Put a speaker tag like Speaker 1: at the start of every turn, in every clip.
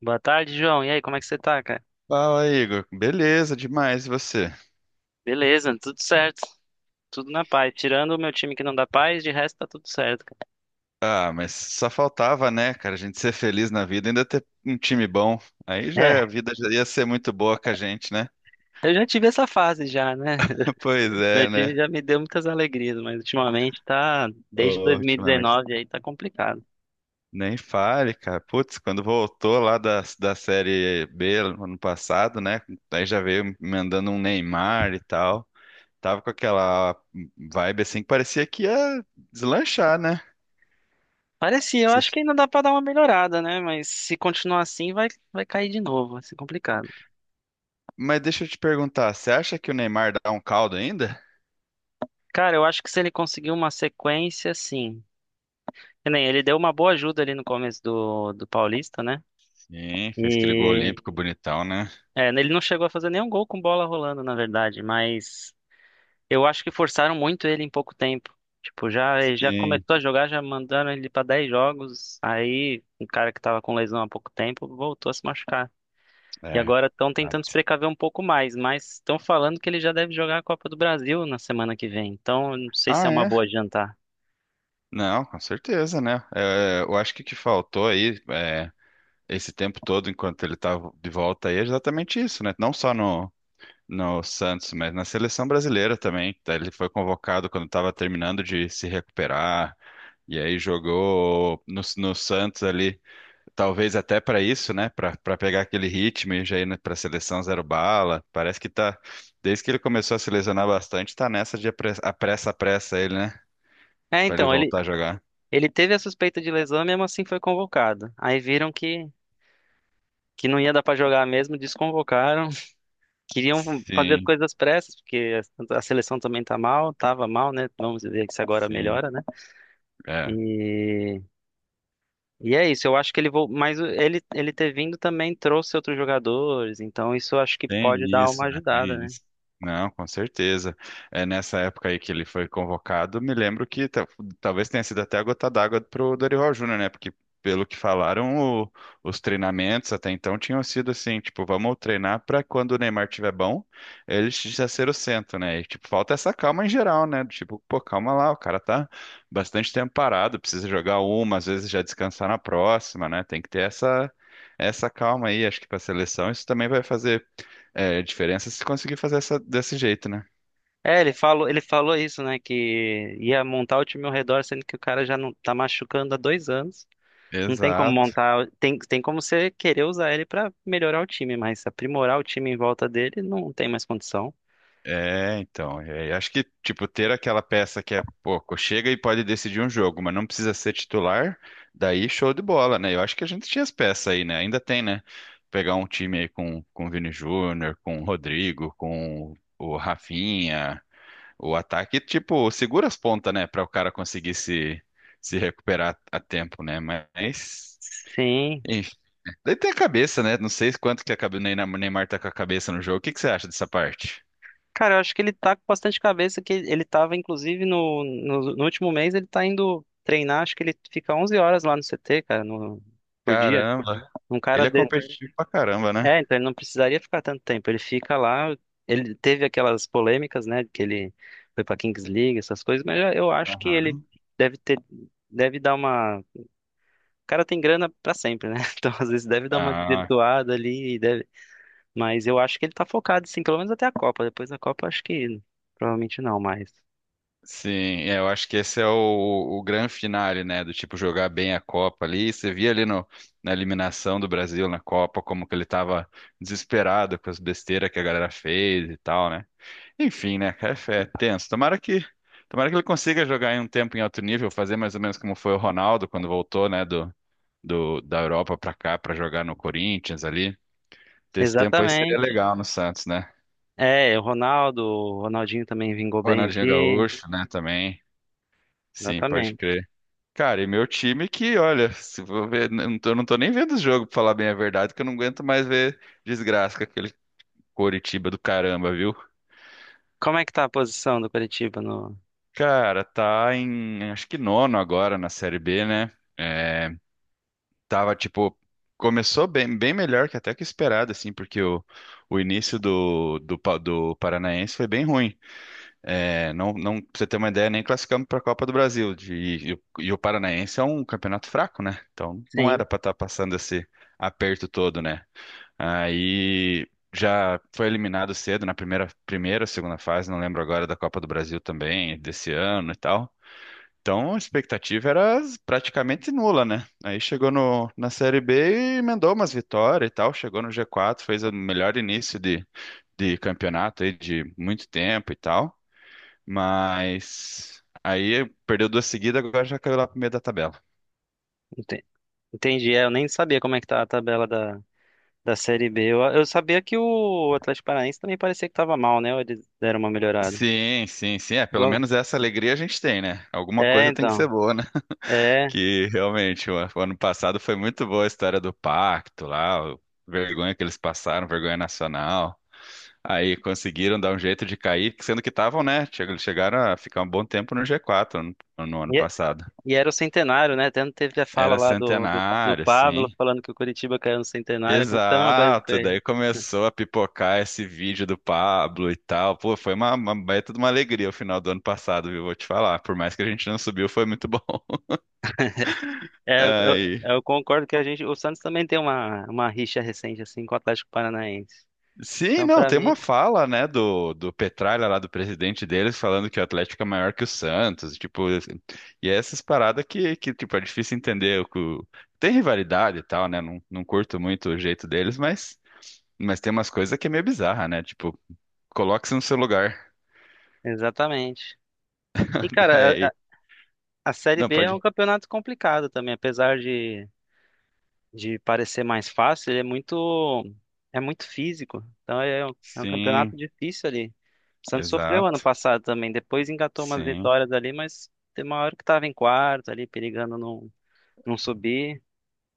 Speaker 1: Boa tarde, João. E aí, como é que você tá, cara?
Speaker 2: Fala, Igor. Beleza, demais. E você?
Speaker 1: Beleza, tudo certo. Tudo na paz. Tirando o meu time que não dá paz, de resto tá tudo certo, cara.
Speaker 2: Ah, mas só faltava, né, cara, a gente ser feliz na vida, e ainda ter um time bom. Aí já
Speaker 1: É,
Speaker 2: a vida já ia ser muito boa com a gente, né?
Speaker 1: eu já tive essa fase já, né?
Speaker 2: Pois
Speaker 1: Meu
Speaker 2: é,
Speaker 1: time
Speaker 2: né?
Speaker 1: já me deu muitas alegrias, mas ultimamente desde
Speaker 2: Ô, ultimamente.
Speaker 1: 2019 aí tá complicado.
Speaker 2: Nem fale, cara. Putz, quando voltou lá da Série B ano passado, né? Aí já veio mandando um Neymar e tal. Tava com aquela vibe assim que parecia que ia deslanchar, né?
Speaker 1: Parecia, eu acho que ainda dá pra dar uma melhorada, né? Mas se continuar assim, vai cair de novo, vai ser complicado.
Speaker 2: Mas deixa eu te perguntar, você acha que o Neymar dá um caldo ainda?
Speaker 1: Cara, eu acho que se ele conseguir uma sequência, sim. Que nem ele deu uma boa ajuda ali no começo do Paulista, né?
Speaker 2: Sim, fez aquele gol
Speaker 1: E
Speaker 2: olímpico bonitão, né?
Speaker 1: É, ele não chegou a fazer nenhum gol com bola rolando, na verdade, mas eu acho que forçaram muito ele em pouco tempo. Tipo, já ele já
Speaker 2: Sim,
Speaker 1: começou a jogar, já mandaram ele pra 10 jogos. Aí, um cara que tava com lesão há pouco tempo voltou a se machucar. E
Speaker 2: é.
Speaker 1: agora estão tentando se
Speaker 2: Exato.
Speaker 1: precaver um pouco mais, mas estão falando que ele já deve jogar a Copa do Brasil na semana que vem. Então, eu não sei se é
Speaker 2: Ah,
Speaker 1: uma
Speaker 2: é?
Speaker 1: boa adiantar.
Speaker 2: Não, com certeza, né? É, eu acho que o que faltou aí, é, esse tempo todo, enquanto ele estava de volta aí, é exatamente isso, né? Não só no Santos, mas na seleção brasileira também. Tá? Ele foi convocado quando estava terminando de se recuperar, e aí jogou no Santos ali. Talvez até para isso, né? Para pegar aquele ritmo e já ir para a seleção zero bala. Parece que tá. Desde que ele começou a se lesionar bastante, tá nessa de apressa, apressa, apressa ele, né?
Speaker 1: É,
Speaker 2: Para ele
Speaker 1: então, ele,
Speaker 2: voltar a jogar.
Speaker 1: ele teve a suspeita de lesão, e mesmo assim foi convocado. Aí viram que não ia dar pra jogar mesmo, desconvocaram. Queriam fazer as
Speaker 2: Sim,
Speaker 1: coisas pressas, porque a seleção também tá mal, tava mal, né? Vamos ver se agora
Speaker 2: sim.
Speaker 1: melhora, né?
Speaker 2: É.
Speaker 1: E, e é isso, eu acho que ele vou, mas ele ter vindo também trouxe outros jogadores, então isso eu acho que
Speaker 2: Tem
Speaker 1: pode dar uma
Speaker 2: isso, né?
Speaker 1: ajudada,
Speaker 2: Tem
Speaker 1: né?
Speaker 2: isso. Não, com certeza. É nessa época aí que ele foi convocado, me lembro que talvez tenha sido até a gota d'água pro Dorival Júnior, né? Porque pelo que falaram, o- os treinamentos até então tinham sido assim, tipo, vamos treinar para quando o Neymar tiver bom, ele já ser o centro, né? E tipo, falta essa calma em geral, né? Tipo, pô, calma lá, o cara tá bastante tempo parado, precisa jogar uma, às vezes já descansar na próxima, né? Tem que ter essa calma aí, acho que para a seleção isso também vai fazer é, a diferença é se conseguir fazer essa, desse jeito, né?
Speaker 1: É, ele falou isso, né, que ia montar o time ao redor, sendo que o cara já não tá machucando há 2 anos. Não tem como
Speaker 2: Exato.
Speaker 1: montar, tem como você querer usar ele pra melhorar o time, mas aprimorar o time em volta dele não tem mais condição.
Speaker 2: É, então, é, acho que, tipo, ter aquela peça que é, pouco chega e pode decidir um jogo, mas não precisa ser titular, daí show de bola, né? Eu acho que a gente tinha as peças aí, né? Ainda tem, né? Pegar um time aí com o Vini Júnior, com o Rodrigo, com o Rafinha, o ataque, tipo, segura as pontas, né? Pra o cara conseguir se recuperar a tempo, né? Mas,
Speaker 1: Sim.
Speaker 2: daí tem a cabeça, né? Não sei quanto que a o Neymar tá com a cabeça no jogo. O que que você acha dessa parte?
Speaker 1: Cara, eu acho que ele tá com bastante cabeça, que ele tava, inclusive, no último mês, ele tá indo treinar, acho que ele fica 11 horas lá no CT, cara, no, por dia.
Speaker 2: Caramba,
Speaker 1: Um
Speaker 2: ele
Speaker 1: cara
Speaker 2: é
Speaker 1: de...
Speaker 2: competitivo pra caramba, né?
Speaker 1: É, então ele não precisaria ficar tanto tempo, ele fica lá, ele teve aquelas polêmicas, né, que ele foi pra Kings League, essas coisas, mas eu acho que ele
Speaker 2: Aham.
Speaker 1: deve ter, deve dar uma... O cara tem grana pra sempre, né? Então, às vezes, deve dar uma
Speaker 2: Ah,
Speaker 1: desvirtuada ali, e deve... mas eu acho que ele tá focado, sim, pelo menos até a Copa, depois da Copa, acho que provavelmente não mais.
Speaker 2: sim. É, eu acho que esse é o grande finale, né? Do tipo jogar bem a Copa ali. Você via ali no, na eliminação do Brasil na Copa como que ele tava desesperado com as besteiras que a galera fez e tal, né? Enfim, né? É tenso. Tomara que ele consiga jogar em um tempo em alto nível, fazer mais ou menos como foi o Ronaldo quando voltou, né? Da Europa pra cá pra jogar no Corinthians ali. Desse tempo aí seria
Speaker 1: Exatamente.
Speaker 2: legal no Santos, né?
Speaker 1: É, o Ronaldo, o Ronaldinho também vingou bem
Speaker 2: Ronaldinho
Speaker 1: aqui.
Speaker 2: Gaúcho, né, também. Sim, pode
Speaker 1: Exatamente.
Speaker 2: crer. Cara, e meu time que, olha, se vou ver, não tô nem vendo os jogos, pra falar bem a verdade, que eu não aguento mais ver desgraça com aquele Coritiba do caramba, viu?
Speaker 1: Como é que tá a posição do Coritiba no.
Speaker 2: Cara, tá em, acho que nono agora na Série B, né? É, tava, tipo, começou bem, bem melhor que até que esperado, assim, porque o início do Paranaense foi bem ruim. É, não, não, pra você ter uma ideia, nem classificamos para a Copa do Brasil. De, e o Paranaense é um campeonato fraco, né? Então não
Speaker 1: Sim,
Speaker 2: era para estar passando esse aperto todo, né? Aí já foi eliminado cedo na primeira, segunda fase, não lembro agora da Copa do Brasil também, desse ano e tal. Então a expectativa era praticamente nula, né? Aí chegou no, na Série B e emendou umas vitórias e tal, chegou no G4, fez o melhor início de campeonato aí de muito tempo e tal. Mas aí perdeu duas seguidas, agora já caiu lá pro meio da tabela.
Speaker 1: ente- entendi. É, eu nem sabia como é que tá a tabela da Série B. Eu sabia que o Atlético Paranaense também parecia que tava mal, né? Ou eles deram uma melhorada.
Speaker 2: Sim, sim, sim. É, pelo
Speaker 1: Pelo-
Speaker 2: menos essa alegria a gente tem, né? Alguma
Speaker 1: É,
Speaker 2: coisa tem que ser
Speaker 1: então.
Speaker 2: boa, né?
Speaker 1: É.
Speaker 2: Que realmente, o ano passado foi muito boa a história do pacto lá, vergonha que eles passaram, vergonha nacional. Aí conseguiram dar um jeito de cair, sendo que estavam, né? Chegaram a ficar um bom tempo no G4 no ano
Speaker 1: E, é-
Speaker 2: passado.
Speaker 1: e era o centenário, né? Até teve a fala
Speaker 2: Era
Speaker 1: lá do
Speaker 2: centenário,
Speaker 1: Pablo
Speaker 2: sim.
Speaker 1: falando que o Coritiba caiu no centenário. Aconteceu uma coisa com
Speaker 2: Exato, daí
Speaker 1: ele.
Speaker 2: começou a pipocar esse vídeo do Pablo e tal. Pô, foi uma baita de uma alegria o final do ano passado, viu? Vou te falar. Por mais que a gente não subiu, foi muito bom.
Speaker 1: É, eu, eu-
Speaker 2: Aí.
Speaker 1: eu concordo que a gente, o Santos também tem uma rixa recente assim com o Atlético Paranaense.
Speaker 2: Sim,
Speaker 1: Então,
Speaker 2: não,
Speaker 1: pra
Speaker 2: tem
Speaker 1: mim,
Speaker 2: uma fala, né, do Petralha lá, do presidente deles, falando que o Atlético é maior que o Santos, tipo, assim, e é essas paradas que, tipo, é difícil entender, o que tem rivalidade e tal, né, não curto muito o jeito deles, mas, tem umas coisas que é meio bizarra, né, tipo, coloque-se no seu lugar,
Speaker 1: exatamente. E cara, a,
Speaker 2: daí,
Speaker 1: a- a Série
Speaker 2: não,
Speaker 1: B é um
Speaker 2: pode
Speaker 1: campeonato complicado também, apesar de parecer mais fácil, ele é muito físico. Então é um
Speaker 2: sim,
Speaker 1: campeonato difícil ali. O Santos sofreu ano
Speaker 2: exato.
Speaker 1: passado também, depois engatou umas
Speaker 2: Sim.
Speaker 1: vitórias ali, mas tem uma hora que tava em quarto ali, perigando não, não subir.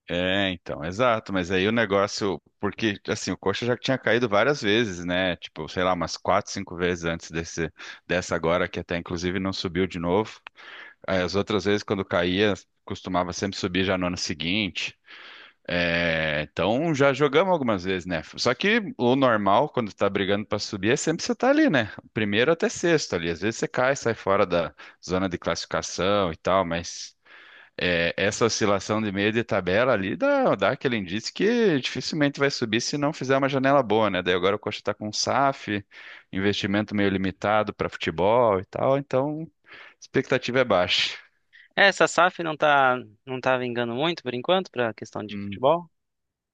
Speaker 2: É, então, exato. Mas aí o negócio, porque assim, o coxa já tinha caído várias vezes, né? Tipo, sei lá, umas quatro, cinco vezes antes dessa agora, que até inclusive não subiu de novo. Aí, as outras vezes, quando caía, costumava sempre subir já no ano seguinte. É, então já jogamos algumas vezes, né? Só que o normal, quando tá brigando pra subir, é sempre você tá ali, né? Primeiro até sexto ali. Às vezes você cai, sai fora da zona de classificação e tal, mas. É, essa oscilação de meio de tabela ali dá aquele indício que dificilmente vai subir se não fizer uma janela boa, né? Daí agora o Coxa está com um SAF, investimento meio limitado para futebol e tal, então a expectativa é baixa.
Speaker 1: É, essa SAF não tá não tá vingando muito por enquanto pra questão de
Speaker 2: Hum.
Speaker 1: futebol.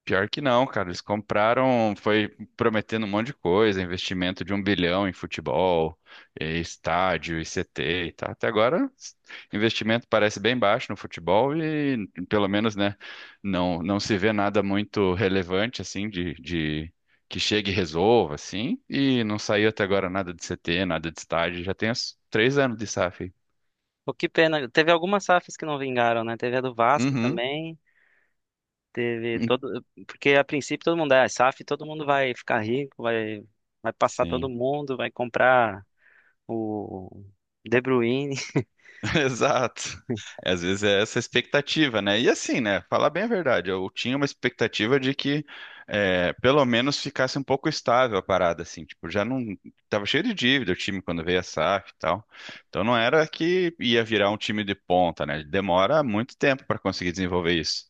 Speaker 2: Pior que não, cara. Eles compraram, foi prometendo um monte de coisa, investimento de um bilhão em futebol, estádio, ICT e tal. Até agora, investimento parece bem baixo no futebol e, pelo menos, né, não se vê nada muito relevante, assim, de que chegue e resolva, assim. E não saiu até agora nada de CT, nada de estádio. Já tem uns três anos de SAF aí.
Speaker 1: Pô, que pena. Teve algumas SAFs que não vingaram, né? Teve a do Vasco
Speaker 2: Uhum.
Speaker 1: também. Teve todo. Porque a princípio todo mundo é ah, SAF, todo mundo vai ficar rico, vai passar todo
Speaker 2: Sim.
Speaker 1: mundo, vai comprar o De Bruyne.
Speaker 2: Exato. Às vezes é essa expectativa, né? E assim, né? Falar bem a verdade, eu tinha uma expectativa de que é, pelo menos ficasse um pouco estável a parada, assim. Tipo, já não. Tava cheio de dívida o time quando veio a SAF e tal. Então não era que ia virar um time de ponta, né? Demora muito tempo para conseguir desenvolver isso.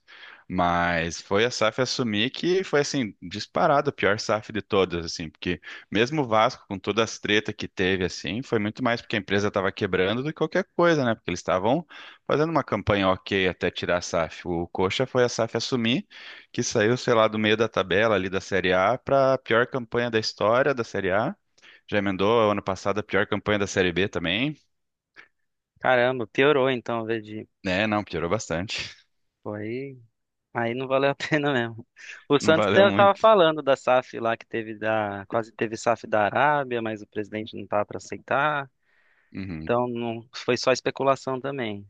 Speaker 2: Mas foi a SAF assumir que foi, assim, disparado a pior SAF de todas, assim, porque. Mesmo o Vasco, com todas as tretas que teve, assim, foi muito mais porque a empresa estava quebrando do que qualquer coisa, né? Porque eles estavam fazendo uma campanha ok até tirar a SAF. O Coxa foi a SAF assumir, que saiu, sei lá, do meio da tabela ali da Série A para a pior campanha da história da Série A. Já emendou ano passado a pior campanha da Série B também.
Speaker 1: Caramba, piorou então, ao invés de.
Speaker 2: Né, não, piorou bastante.
Speaker 1: Pô, aí não valeu a pena mesmo. O
Speaker 2: Não
Speaker 1: Santos
Speaker 2: valeu
Speaker 1: tava
Speaker 2: muito.
Speaker 1: falando da SAF lá que teve da. Quase teve SAF da Arábia, mas o presidente não tava para aceitar.
Speaker 2: Uhum.
Speaker 1: Então não foi só especulação também.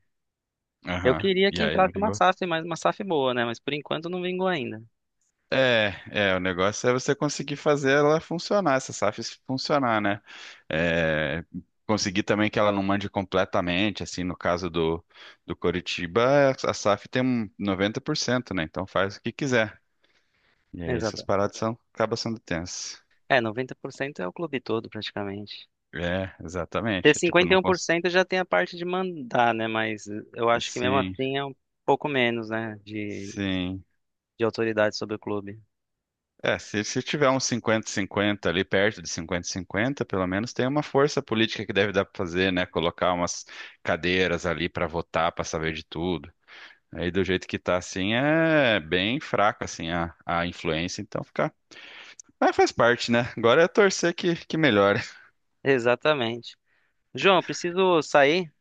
Speaker 1: Eu
Speaker 2: Aham.
Speaker 1: queria
Speaker 2: E
Speaker 1: que
Speaker 2: aí, não
Speaker 1: entrasse uma
Speaker 2: vingou?
Speaker 1: SAF, mas uma SAF boa, né? Mas por enquanto não vingou ainda.
Speaker 2: O negócio é você conseguir fazer ela funcionar, essa SAF funcionar, né? É, conseguir também que ela não mande completamente, assim, no caso do Coritiba, a SAF tem um 90%, né? Então faz o que quiser. E aí essas
Speaker 1: Exato.
Speaker 2: paradas são, acabam sendo tensas.
Speaker 1: É, 90% é o clube todo, praticamente.
Speaker 2: É,
Speaker 1: Ter
Speaker 2: exatamente. É. Tipo,
Speaker 1: cinquenta e
Speaker 2: não
Speaker 1: um por
Speaker 2: cons...
Speaker 1: cento já tem a parte de mandar, né? Mas eu acho que mesmo
Speaker 2: Sim,
Speaker 1: assim é um pouco menos, né? De,
Speaker 2: sim.
Speaker 1: de autoridade sobre o clube.
Speaker 2: É, se tiver uns 50 cinquenta ali, perto de 50 cinquenta pelo menos tem uma força política que deve dar para fazer, né? Colocar umas cadeiras ali para votar, para saber de tudo. Aí do jeito que tá assim, é bem fraca assim a influência, então fica. Mas faz parte, né? Agora é torcer que melhore.
Speaker 1: Exatamente. João, eu preciso sair.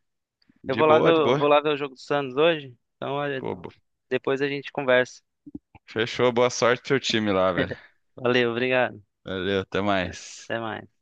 Speaker 1: Eu
Speaker 2: De
Speaker 1: vou lá ver,
Speaker 2: boa, de
Speaker 1: o-
Speaker 2: boa.
Speaker 1: vou lá ver o jogo do Santos hoje. Então, olha,
Speaker 2: Pô,
Speaker 1: depois a gente conversa.
Speaker 2: fechou, boa sorte pro seu time lá, velho.
Speaker 1: Valeu, obrigado.
Speaker 2: Valeu, até mais.
Speaker 1: Até mais.